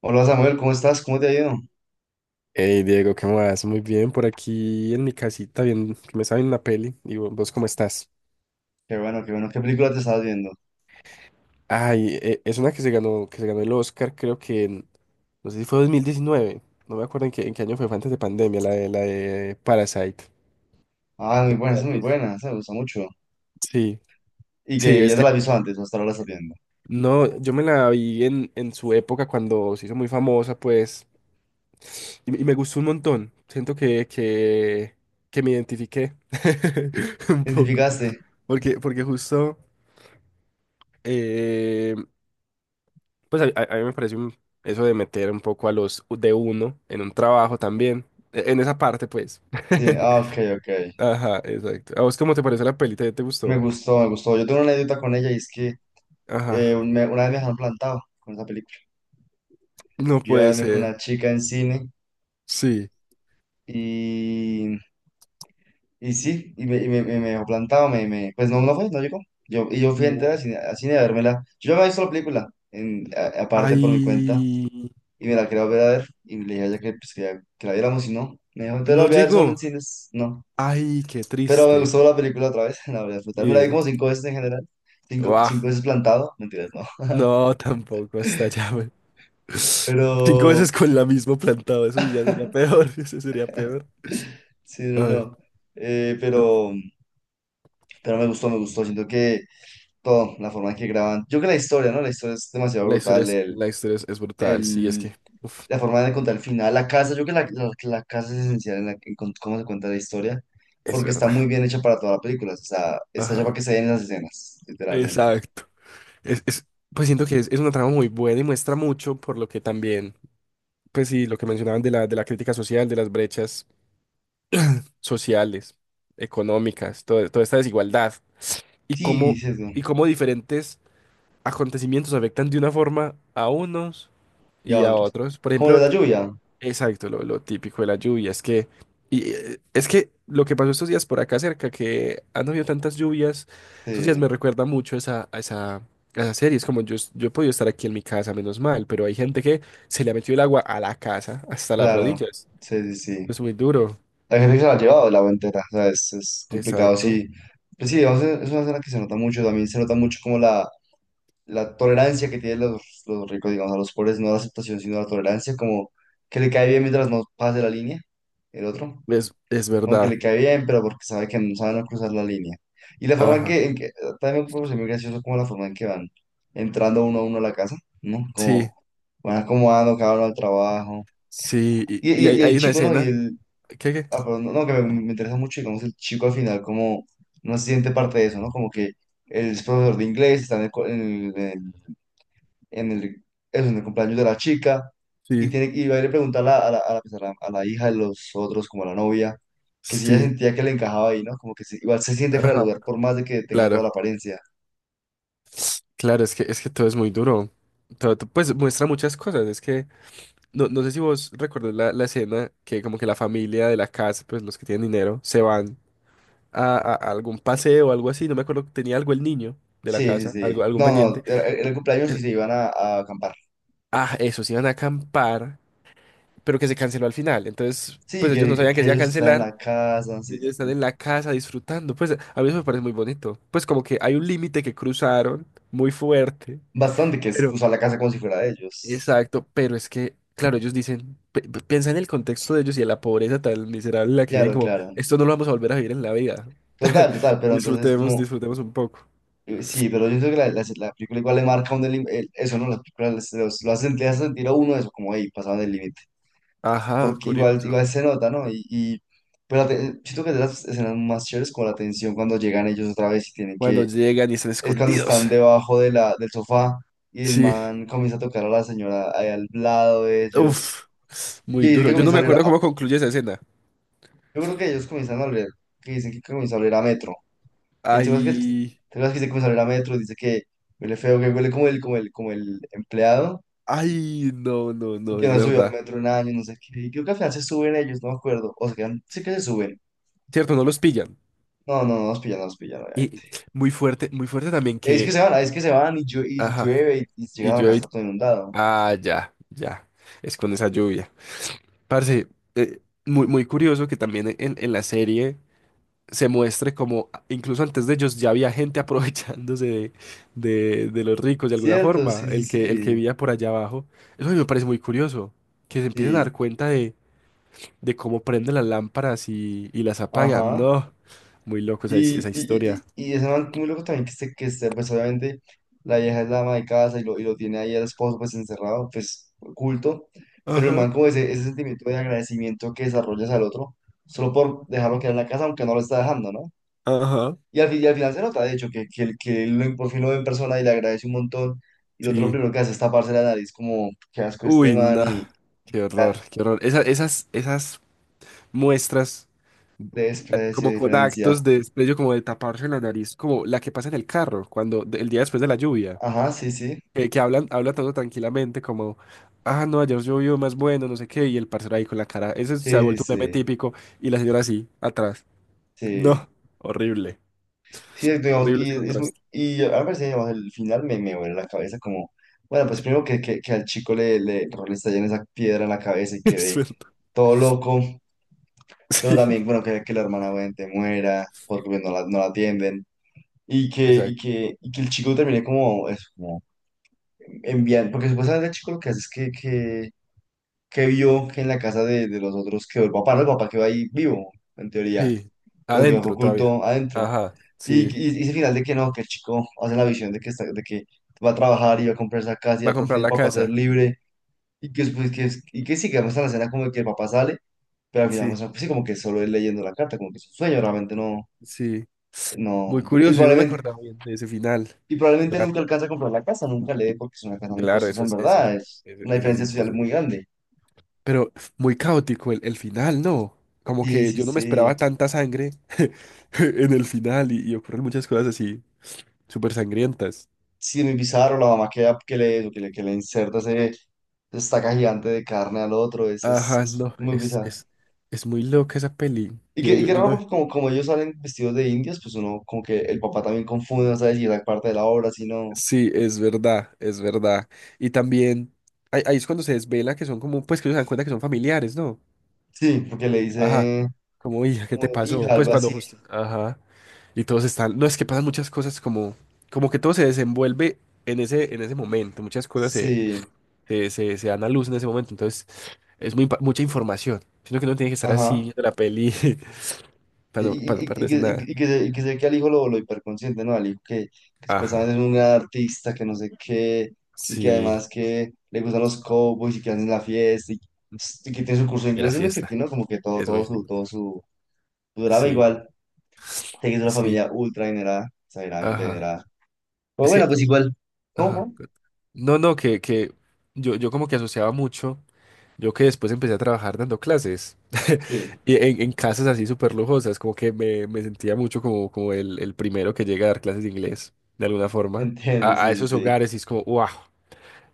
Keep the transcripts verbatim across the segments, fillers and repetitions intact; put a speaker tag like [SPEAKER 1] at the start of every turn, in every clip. [SPEAKER 1] Hola Samuel, ¿cómo estás? ¿Cómo te ha ido?
[SPEAKER 2] Hey Diego, ¿qué más? Muy bien, por aquí en mi casita, bien, que me saben una peli. ¿Y vo- vos cómo estás?
[SPEAKER 1] Qué bueno, qué bueno. ¿Qué película te estás viendo?
[SPEAKER 2] Ay, e- es una que se ganó, que se ganó el Oscar, creo que en, no sé si fue dos mil diecinueve, no me acuerdo en qué, en qué año fue, fue antes de pandemia, la de, la de Parasite.
[SPEAKER 1] Ah, muy buena,
[SPEAKER 2] ¿La
[SPEAKER 1] esa
[SPEAKER 2] has
[SPEAKER 1] es muy
[SPEAKER 2] visto?
[SPEAKER 1] buena, esa me gusta mucho.
[SPEAKER 2] Sí,
[SPEAKER 1] Y
[SPEAKER 2] sí,
[SPEAKER 1] que
[SPEAKER 2] es
[SPEAKER 1] ya te
[SPEAKER 2] que
[SPEAKER 1] la aviso antes, hasta ahora la estás viendo.
[SPEAKER 2] no, yo me la vi en, en su época cuando se hizo muy famosa, pues, y, y me gustó un montón. Siento que, que, que me identifiqué un poco.
[SPEAKER 1] ¿Identificaste?
[SPEAKER 2] Porque, porque justo. eh, Pues a, a- a mí me parece un- eso de meter un poco a los de uno en un trabajo también, e- en esa parte pues.
[SPEAKER 1] Sí, ah, ok, ok.
[SPEAKER 2] Ajá, exacto. ¿A vos cómo te parece la pelita? ¿Ya te
[SPEAKER 1] Me
[SPEAKER 2] gustó?
[SPEAKER 1] gustó, me gustó. Yo tengo una anécdota con ella y es que
[SPEAKER 2] Ajá.
[SPEAKER 1] eh, un- me- una vez me dejaron plantado con esa película.
[SPEAKER 2] No
[SPEAKER 1] Yo iba a
[SPEAKER 2] puede
[SPEAKER 1] verme con
[SPEAKER 2] ser.
[SPEAKER 1] una chica en cine
[SPEAKER 2] Sí.
[SPEAKER 1] y, y sí, y me, y me, me- me dejó plantado, me, me, pues no, no fue, no llegó. Yo, y yo fui a entrar al
[SPEAKER 2] No.
[SPEAKER 1] cine, al cine a vérmela. Yo ya me he visto la película, en, a- aparte por mi cuenta
[SPEAKER 2] Ay,
[SPEAKER 1] y me la quería volver a ver y le dije a ella que, pues, que, ya- que la viéramos y no. Me dijo, entonces la
[SPEAKER 2] no
[SPEAKER 1] volví a ver solo en
[SPEAKER 2] llegó.
[SPEAKER 1] cines. No.
[SPEAKER 2] Ay, qué
[SPEAKER 1] Pero me
[SPEAKER 2] triste.
[SPEAKER 1] gustó la película otra vez, la volví a disfrutar. Me la vi
[SPEAKER 2] Bien.
[SPEAKER 1] como cinco veces en general. Cinco,
[SPEAKER 2] Guau.
[SPEAKER 1] cinco veces plantado. Mentiras, no.
[SPEAKER 2] No, tampoco hasta allá, güey. Cinco
[SPEAKER 1] Pero,
[SPEAKER 2] veces con la misma plantado, eso sí ya sería peor, eso sería peor.
[SPEAKER 1] sí,
[SPEAKER 2] A
[SPEAKER 1] no,
[SPEAKER 2] ver,
[SPEAKER 1] no. Eh,
[SPEAKER 2] no,
[SPEAKER 1] pero, pero me gustó, me gustó. Siento que todo, la forma en que graban. Yo creo que la historia, ¿no? La historia es demasiado
[SPEAKER 2] la historia
[SPEAKER 1] brutal.
[SPEAKER 2] es,
[SPEAKER 1] El,
[SPEAKER 2] la historia es, es brutal, sí, es que.
[SPEAKER 1] el,
[SPEAKER 2] Uf.
[SPEAKER 1] la forma de contar el final, la casa, yo creo que la, la- la casa es esencial en, la, en con- cómo se cuenta la historia,
[SPEAKER 2] Es
[SPEAKER 1] porque está
[SPEAKER 2] verdad.
[SPEAKER 1] muy bien hecha para toda la película, o sea, está hecha para
[SPEAKER 2] Ajá.
[SPEAKER 1] que se den las escenas, literalmente.
[SPEAKER 2] Exacto. Es, es- pues siento que es, es una trama muy buena y muestra mucho por lo que también, pues sí, lo que mencionaban de la, de la crítica social, de las brechas sociales, económicas, todo- toda esta desigualdad y
[SPEAKER 1] Sí,
[SPEAKER 2] cómo,
[SPEAKER 1] sesgo,
[SPEAKER 2] y cómo diferentes acontecimientos afectan de una forma a unos
[SPEAKER 1] y a
[SPEAKER 2] y a
[SPEAKER 1] otros.
[SPEAKER 2] otros. Por
[SPEAKER 1] Como lo de
[SPEAKER 2] ejemplo,
[SPEAKER 1] la lluvia,
[SPEAKER 2] exacto, lo, lo típico de la lluvia es que, y, eh, es que lo que pasó estos días por acá cerca, que han habido tantas lluvias, estos días me
[SPEAKER 1] sí,
[SPEAKER 2] recuerda mucho a esa, a esa, a esa serie. Es como yo, es- yo he podido estar aquí en mi casa, menos mal, pero hay gente que se le ha metido el agua a la casa, hasta las
[SPEAKER 1] claro,
[SPEAKER 2] rodillas.
[SPEAKER 1] sí, sí, sí.
[SPEAKER 2] Es muy duro.
[SPEAKER 1] La gente que se la ha llevado la entera, o sea, es, es complicado,
[SPEAKER 2] Exacto.
[SPEAKER 1] sí. Pues sí, digamos, es es una escena que se nota mucho, también se nota mucho como la, la tolerancia que tienen los, los ricos, digamos, a los pobres, no la aceptación, sino la tolerancia, como que le cae bien mientras no pase la línea, el otro.
[SPEAKER 2] Es, es
[SPEAKER 1] Como que
[SPEAKER 2] verdad.
[SPEAKER 1] le cae bien, pero porque sabe que no sabe no cruzar la línea. Y la forma en
[SPEAKER 2] Ajá.
[SPEAKER 1] que, en que- también me parece muy gracioso como la forma en que van entrando uno a uno a la casa, ¿no? Como
[SPEAKER 2] Sí,
[SPEAKER 1] van acomodando cada uno al trabajo.
[SPEAKER 2] sí. Y,
[SPEAKER 1] Y,
[SPEAKER 2] y
[SPEAKER 1] y,
[SPEAKER 2] hay,
[SPEAKER 1] y el
[SPEAKER 2] hay una
[SPEAKER 1] chico, ¿no? Y
[SPEAKER 2] escena.
[SPEAKER 1] el,
[SPEAKER 2] ¿Qué, qué?
[SPEAKER 1] ah, perdón, no, no, que me, me interesa mucho, digamos, el chico al final como no se siente parte de eso, ¿no? Como que él es profesor de inglés, está en el, co- en el- en el en el, eso, en el cumpleaños de la chica y,
[SPEAKER 2] Sí,
[SPEAKER 1] tiene, y va a ir a preguntar a la, a la, a la, pues, a la- a la hija de los otros, como a la novia, que si ella
[SPEAKER 2] sí.
[SPEAKER 1] sentía que le encajaba ahí, ¿no? Como que si- igual se siente fuera de
[SPEAKER 2] Ajá.
[SPEAKER 1] lugar por más de que tenga toda la
[SPEAKER 2] Claro.
[SPEAKER 1] apariencia.
[SPEAKER 2] Claro, es que, es que todo es muy duro. Todo, to- pues muestra muchas cosas. Es que no, no sé si vos recordás la, la escena que como que la familia de la casa, pues los que tienen dinero, se van a, a- a algún paseo o algo así. No me acuerdo, tenía algo el niño de la
[SPEAKER 1] Sí, sí,
[SPEAKER 2] casa,
[SPEAKER 1] sí.
[SPEAKER 2] algo, algún
[SPEAKER 1] No, no,
[SPEAKER 2] pendiente.
[SPEAKER 1] en el, el cumpleaños
[SPEAKER 2] Eh,
[SPEAKER 1] sí se iban a, a acampar.
[SPEAKER 2] Ah, eso, se iban a acampar, pero que se canceló al final. Entonces,
[SPEAKER 1] Sí,
[SPEAKER 2] pues ellos
[SPEAKER 1] que,
[SPEAKER 2] no
[SPEAKER 1] que,
[SPEAKER 2] sabían que
[SPEAKER 1] que
[SPEAKER 2] se iba a
[SPEAKER 1] ellos están en
[SPEAKER 2] cancelar.
[SPEAKER 1] la casa,
[SPEAKER 2] Y
[SPEAKER 1] sí, sí,
[SPEAKER 2] ellos están
[SPEAKER 1] sí.
[SPEAKER 2] en la casa disfrutando. Pues a mí eso me parece muy bonito. Pues como que hay un límite que cruzaron muy fuerte.
[SPEAKER 1] Bastante que es usar la casa como si fuera de ellos.
[SPEAKER 2] Exacto, pero es que, claro, ellos dicen, pi- pi- piensa en el contexto de ellos y en la pobreza tan miserable en la que viven,
[SPEAKER 1] Claro,
[SPEAKER 2] como,
[SPEAKER 1] claro.
[SPEAKER 2] esto no lo vamos a volver a vivir en la vida.
[SPEAKER 1] Total, total, pero entonces
[SPEAKER 2] Disfrutemos,
[SPEAKER 1] uno,
[SPEAKER 2] disfrutemos un poco.
[SPEAKER 1] Eh, Sí, pero yo creo que la, la- la película igual le marca a uno el lim- el- eso, ¿no? Las películas se los- lo hacen, le hacen sentir a uno eso, como ahí, pasaban el límite.
[SPEAKER 2] Ajá,
[SPEAKER 1] Porque igual,
[SPEAKER 2] curioso.
[SPEAKER 1] igual se nota, ¿no? Y, y- pero la te- siento que es de las escenas más chéveres como la tensión cuando llegan ellos otra vez y tienen
[SPEAKER 2] Cuando
[SPEAKER 1] que,
[SPEAKER 2] llegan y están
[SPEAKER 1] es cuando están
[SPEAKER 2] escondidos.
[SPEAKER 1] debajo de la, del sofá y el
[SPEAKER 2] Sí,
[SPEAKER 1] man comienza a tocar a la señora ahí al lado de
[SPEAKER 2] uff,
[SPEAKER 1] ellos. Y que
[SPEAKER 2] muy
[SPEAKER 1] dice
[SPEAKER 2] duro.
[SPEAKER 1] que
[SPEAKER 2] Yo no
[SPEAKER 1] comienza a
[SPEAKER 2] me
[SPEAKER 1] oler
[SPEAKER 2] acuerdo
[SPEAKER 1] a,
[SPEAKER 2] cómo concluye esa escena.
[SPEAKER 1] yo creo que ellos comienzan a oler, que dicen que comienza a oler a metro. El tema es que, el
[SPEAKER 2] Ay,
[SPEAKER 1] tema es que se que a Metro, dice que huele feo, que huele como el, como el, como el empleado
[SPEAKER 2] ay, no, no,
[SPEAKER 1] y
[SPEAKER 2] no,
[SPEAKER 1] que
[SPEAKER 2] es
[SPEAKER 1] no subió a
[SPEAKER 2] verdad.
[SPEAKER 1] Metro un año, no sé qué. Y creo que al final se suben ellos, no me acuerdo. O se quedan, sé que se suben.
[SPEAKER 2] Cierto, no los pillan.
[SPEAKER 1] No, no, no los pillan, no los pillan. Obviamente.
[SPEAKER 2] Y muy fuerte, muy fuerte también
[SPEAKER 1] Es que
[SPEAKER 2] que,
[SPEAKER 1] se van, es que se van y, llo- y
[SPEAKER 2] ajá,
[SPEAKER 1] llueve y, y
[SPEAKER 2] y
[SPEAKER 1] llegan a la
[SPEAKER 2] yo,
[SPEAKER 1] casa todo inundado.
[SPEAKER 2] ah, ya, ya, es con esa lluvia. Parce, eh, muy, muy curioso que también en, en la serie se muestre como a- incluso antes de ellos ya había gente aprovechándose de, de- de los ricos de alguna
[SPEAKER 1] Cierto,
[SPEAKER 2] forma,
[SPEAKER 1] sí, sí,
[SPEAKER 2] el que, el que
[SPEAKER 1] sí.
[SPEAKER 2] vivía por allá abajo. Eso a mí me parece muy curioso, que se empiecen a
[SPEAKER 1] Sí,
[SPEAKER 2] dar cuenta de, de cómo prenden las lámparas y, y las apagan.
[SPEAKER 1] ajá.
[SPEAKER 2] No, muy loco esa, his-
[SPEAKER 1] Y,
[SPEAKER 2] esa
[SPEAKER 1] y,
[SPEAKER 2] historia.
[SPEAKER 1] y, y y ese man muy loco también que este, que este, pues obviamente la vieja es la ama de casa y lo, y lo tiene ahí al esposo pues encerrado, pues oculto, pero el
[SPEAKER 2] Ajá,
[SPEAKER 1] man como ese, ese sentimiento de agradecimiento que desarrollas al otro, solo por dejarlo quedar en la casa aunque no lo está dejando, ¿no?
[SPEAKER 2] ajá.
[SPEAKER 1] Y al, fin- y al final se nota, de hecho, que, que, él- que él lo- por fin lo ve en persona y le agradece un montón, y el otro lo
[SPEAKER 2] Sí.
[SPEAKER 1] primero que hace es taparse la nariz como, qué asco este
[SPEAKER 2] Uy,
[SPEAKER 1] man
[SPEAKER 2] no.
[SPEAKER 1] y
[SPEAKER 2] Qué horror,
[SPEAKER 1] dar
[SPEAKER 2] qué horror. Esa- esas, esas muestras,
[SPEAKER 1] desprecio,
[SPEAKER 2] como con
[SPEAKER 1] diferencia.
[SPEAKER 2] actos de desprecio, como de taparse la nariz, como la que pasa en el carro, cuando de- el día después de la lluvia,
[SPEAKER 1] Ajá, sí, sí,
[SPEAKER 2] que, que hablan, habla todo tranquilamente, como, ah, no, ayer llovió más bueno, no sé qué, y el parcero ahí con la cara, ese se ha
[SPEAKER 1] sí,
[SPEAKER 2] vuelto un meme
[SPEAKER 1] sí,
[SPEAKER 2] típico, y la señora así, atrás.
[SPEAKER 1] sí.
[SPEAKER 2] No, horrible,
[SPEAKER 1] Sí, es- digamos,
[SPEAKER 2] horrible
[SPEAKER 1] y,
[SPEAKER 2] ese
[SPEAKER 1] es muy,
[SPEAKER 2] contraste.
[SPEAKER 1] y a veces, digamos, el final me, me huele la cabeza como, bueno, pues primero que, que, que al chico le, le, le estallen esa piedra en la cabeza y
[SPEAKER 2] Es
[SPEAKER 1] quede
[SPEAKER 2] verdad.
[SPEAKER 1] todo loco, pero
[SPEAKER 2] Sí,
[SPEAKER 1] también, bueno, que, que la hermana obviamente muera porque pues, no la, no la atienden y que, y
[SPEAKER 2] exacto.
[SPEAKER 1] que, y que el chico termine como, eso, como enviando, porque supuestamente el chico lo que hace es que, que, que vio que en la casa de, de los otros quedó el papá, no el papá quedó ahí vivo, en teoría,
[SPEAKER 2] Sí,
[SPEAKER 1] pero quedó
[SPEAKER 2] adentro todavía.
[SPEAKER 1] oculto adentro.
[SPEAKER 2] Ajá,
[SPEAKER 1] Y,
[SPEAKER 2] sí,
[SPEAKER 1] y, y ese final de que no, que el chico hace la visión de que, está, de que va a trabajar y va a comprar esa casa y
[SPEAKER 2] va
[SPEAKER 1] va
[SPEAKER 2] a
[SPEAKER 1] por fin
[SPEAKER 2] comprar
[SPEAKER 1] el
[SPEAKER 2] la
[SPEAKER 1] papá a
[SPEAKER 2] casa.
[SPEAKER 1] ser libre. Y que después, que, es- y que sí, que muestra la escena como de que el papá sale, pero al final
[SPEAKER 2] Sí,
[SPEAKER 1] muestra, pues sí, como que solo él leyendo la carta, como que es un sueño, realmente no,
[SPEAKER 2] sí. Muy
[SPEAKER 1] no. Y
[SPEAKER 2] curioso, yo no me
[SPEAKER 1] probablemente,
[SPEAKER 2] acordaba bien de ese final.
[SPEAKER 1] y probablemente nunca alcanza a comprar la casa, nunca le dé porque es una casa muy
[SPEAKER 2] Claro,
[SPEAKER 1] costosa,
[SPEAKER 2] eso
[SPEAKER 1] en
[SPEAKER 2] es, eso es,
[SPEAKER 1] verdad, es
[SPEAKER 2] eso-
[SPEAKER 1] una
[SPEAKER 2] eso es
[SPEAKER 1] diferencia social
[SPEAKER 2] imposible.
[SPEAKER 1] muy grande.
[SPEAKER 2] Pero muy caótico el, el final, ¿no? Como
[SPEAKER 1] Sí,
[SPEAKER 2] que
[SPEAKER 1] sí,
[SPEAKER 2] yo no me esperaba
[SPEAKER 1] sí.
[SPEAKER 2] tanta sangre en el final y, y ocurren muchas cosas así súper sangrientas.
[SPEAKER 1] Sí, muy bizarro, la mamá que, que le, que le, que le inserta ese estaca gigante de carne al otro, es, es,
[SPEAKER 2] Ajá,
[SPEAKER 1] es
[SPEAKER 2] no,
[SPEAKER 1] muy
[SPEAKER 2] es,
[SPEAKER 1] bizarro.
[SPEAKER 2] es, es muy loca esa peli.
[SPEAKER 1] Y
[SPEAKER 2] Yo,
[SPEAKER 1] qué, y
[SPEAKER 2] yo,
[SPEAKER 1] qué
[SPEAKER 2] yo
[SPEAKER 1] raro
[SPEAKER 2] no.
[SPEAKER 1] porque como, como ellos salen vestidos de indios, pues uno como que el papá también confunde, no sabe si era parte de la obra, si no.
[SPEAKER 2] Sí, es verdad, es verdad. Y también ahí, ahí es cuando se desvela que son como, pues que ellos se dan cuenta que son familiares, ¿no?
[SPEAKER 1] Sí, porque le
[SPEAKER 2] Ajá.
[SPEAKER 1] dice
[SPEAKER 2] Como, uy, ¿qué
[SPEAKER 1] como
[SPEAKER 2] te pasó?
[SPEAKER 1] hija,
[SPEAKER 2] Pues
[SPEAKER 1] algo
[SPEAKER 2] cuando
[SPEAKER 1] así.
[SPEAKER 2] justo. Ajá. Y todos están. No, es que pasan muchas cosas como. Como que todo se desenvuelve en ese, en ese momento. Muchas cosas se,
[SPEAKER 1] Sí,
[SPEAKER 2] se, se, se dan a luz en ese momento. Entonces, es muy, pa- mucha información. Sino que uno tiene que estar así
[SPEAKER 1] ajá.
[SPEAKER 2] viendo la peli para
[SPEAKER 1] Sí,
[SPEAKER 2] no, para
[SPEAKER 1] y,
[SPEAKER 2] no
[SPEAKER 1] y- y
[SPEAKER 2] perderse
[SPEAKER 1] que, y
[SPEAKER 2] nada.
[SPEAKER 1] que- y que se, y que se ve que al hijo lo, lo hiperconsciente, ¿no? Al hijo que, que supuestamente
[SPEAKER 2] Ajá.
[SPEAKER 1] es un gran artista, que no sé qué, y que
[SPEAKER 2] Sí.
[SPEAKER 1] además que le gustan los cowboys y que hacen la fiesta, y, y que tiene su curso de
[SPEAKER 2] Mira,
[SPEAKER 1] inglés, es muy
[SPEAKER 2] fiesta.
[SPEAKER 1] efectivo, ¿no? Como que todo,
[SPEAKER 2] Es
[SPEAKER 1] todo
[SPEAKER 2] muy
[SPEAKER 1] su,
[SPEAKER 2] fino.
[SPEAKER 1] todo su, su drama
[SPEAKER 2] Sí,
[SPEAKER 1] igual, te que es una
[SPEAKER 2] sí.
[SPEAKER 1] familia ultra adinerada, exageradamente
[SPEAKER 2] Ajá.
[SPEAKER 1] adinerada. Pero
[SPEAKER 2] Es
[SPEAKER 1] bueno,
[SPEAKER 2] que,
[SPEAKER 1] pues igual.
[SPEAKER 2] ajá.
[SPEAKER 1] ¿Cómo?
[SPEAKER 2] No, no, que, que yo, yo como que asociaba mucho. Yo que después empecé a trabajar dando clases
[SPEAKER 1] ¿Fue? Sí,
[SPEAKER 2] y en, en casas así súper lujosas, como que me, me sentía mucho como, como, el, el primero que llega a dar clases de inglés, de alguna forma,
[SPEAKER 1] entiendo,
[SPEAKER 2] a, a
[SPEAKER 1] sí, sí,
[SPEAKER 2] esos
[SPEAKER 1] sí.
[SPEAKER 2] hogares y es como, wow,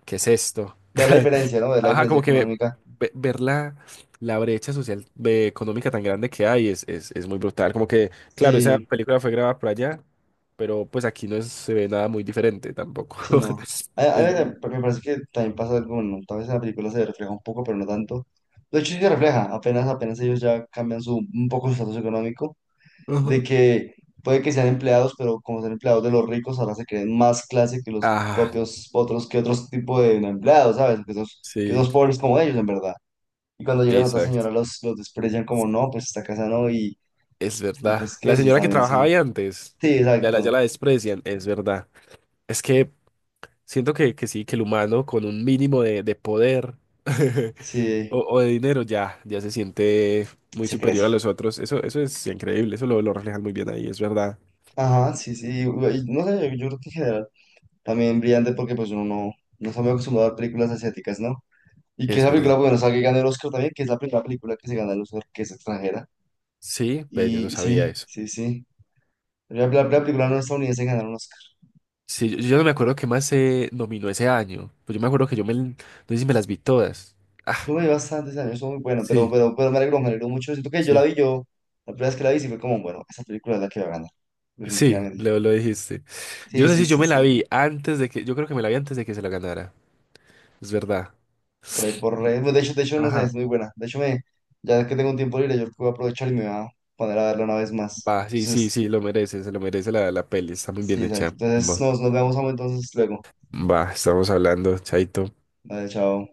[SPEAKER 2] ¿qué es esto?
[SPEAKER 1] Ver la diferencia, ¿no? Ver la
[SPEAKER 2] Ajá,
[SPEAKER 1] diferencia
[SPEAKER 2] como que ve-
[SPEAKER 1] económica.
[SPEAKER 2] ve- ver la, la brecha social, ve- económica tan grande que hay es, es, es muy brutal. Como que, claro, esa
[SPEAKER 1] Sí.
[SPEAKER 2] película fue grabada por allá, pero pues aquí no es- se ve nada muy diferente tampoco.
[SPEAKER 1] Sí, no. A, a
[SPEAKER 2] Es lo mismo.
[SPEAKER 1] ver, me parece que también pasa algo, bueno, tal vez en la película se refleja un poco, pero no tanto. De hecho, sí se refleja, apenas, apenas ellos ya cambian su, un poco su estatus económico, de
[SPEAKER 2] Ajá.
[SPEAKER 1] que puede que sean empleados, pero como son empleados de los ricos, ahora se creen más clase que los
[SPEAKER 2] Ah,
[SPEAKER 1] propios otros, que otros tipo de empleados, ¿sabes? Que esos, que
[SPEAKER 2] sí,
[SPEAKER 1] esos pobres como ellos, en verdad. Y cuando llegan otras
[SPEAKER 2] exacto.
[SPEAKER 1] señoras, los, los desprecian como, no, pues esta casa no, y,
[SPEAKER 2] Es
[SPEAKER 1] y
[SPEAKER 2] verdad.
[SPEAKER 1] pues
[SPEAKER 2] La
[SPEAKER 1] qué, si
[SPEAKER 2] señora que
[SPEAKER 1] también son.
[SPEAKER 2] trabajaba ahí antes,
[SPEAKER 1] Sí,
[SPEAKER 2] ya la,
[SPEAKER 1] exacto.
[SPEAKER 2] ya la desprecian, es verdad. Es que siento que, que sí, que el humano con un mínimo de, de poder o,
[SPEAKER 1] Sí,
[SPEAKER 2] o de dinero ya, ya se siente muy
[SPEAKER 1] se
[SPEAKER 2] superior
[SPEAKER 1] crece.
[SPEAKER 2] a los otros. Eso, eso es increíble, eso lo, lo reflejan muy bien ahí, es verdad.
[SPEAKER 1] Ajá, sí, sí. y- y no sé, yo creo que en general. También brillante porque pues uno no, no está muy acostumbrado a ver películas asiáticas, ¿no? Y que
[SPEAKER 2] Es
[SPEAKER 1] esa película,
[SPEAKER 2] verdad.
[SPEAKER 1] bueno, salga y gane el Oscar también, que es la primera película que se gana el Oscar, que es extranjera.
[SPEAKER 2] Sí, pero yo no
[SPEAKER 1] Y
[SPEAKER 2] sabía
[SPEAKER 1] sí,
[SPEAKER 2] eso.
[SPEAKER 1] sí, sí. La, la- la película no estadounidense en ganar un Oscar.
[SPEAKER 2] Sí, yo, yo no me acuerdo qué más se nominó ese año. Pues yo me acuerdo que yo me, no sé si me las vi todas. Ah,
[SPEAKER 1] Yo me vi bastantes años, estuvo muy bueno pero,
[SPEAKER 2] sí,
[SPEAKER 1] pero, pero me alegró, me alegró mucho. Siento que yo la
[SPEAKER 2] sí.
[SPEAKER 1] vi yo, la primera vez que la vi, sí fue como, bueno, esa película es la que va a ganar,
[SPEAKER 2] Sí,
[SPEAKER 1] definitivamente.
[SPEAKER 2] lo, lo dijiste. Yo
[SPEAKER 1] Sí,
[SPEAKER 2] no sé
[SPEAKER 1] sí,
[SPEAKER 2] si yo
[SPEAKER 1] sí,
[SPEAKER 2] me la
[SPEAKER 1] sí.
[SPEAKER 2] vi antes de que, yo creo que me la vi antes de que se la ganara. Es verdad.
[SPEAKER 1] Por ahí, por ahí. Bueno, de hecho, de hecho, no sé,
[SPEAKER 2] Ajá.
[SPEAKER 1] es muy buena. De hecho, me, ya que tengo un tiempo libre, yo creo que voy a aprovechar y me voy a poner a verla una vez más.
[SPEAKER 2] Va, sí, sí,
[SPEAKER 1] Entonces,
[SPEAKER 2] sí, lo merece, se lo merece la, la peli, está muy
[SPEAKER 1] sí,
[SPEAKER 2] bien
[SPEAKER 1] exacto.
[SPEAKER 2] hecha.
[SPEAKER 1] Entonces
[SPEAKER 2] Va,
[SPEAKER 1] nos, nos vemos, amo, entonces luego.
[SPEAKER 2] va, estamos hablando, chaito.
[SPEAKER 1] Vale, chao.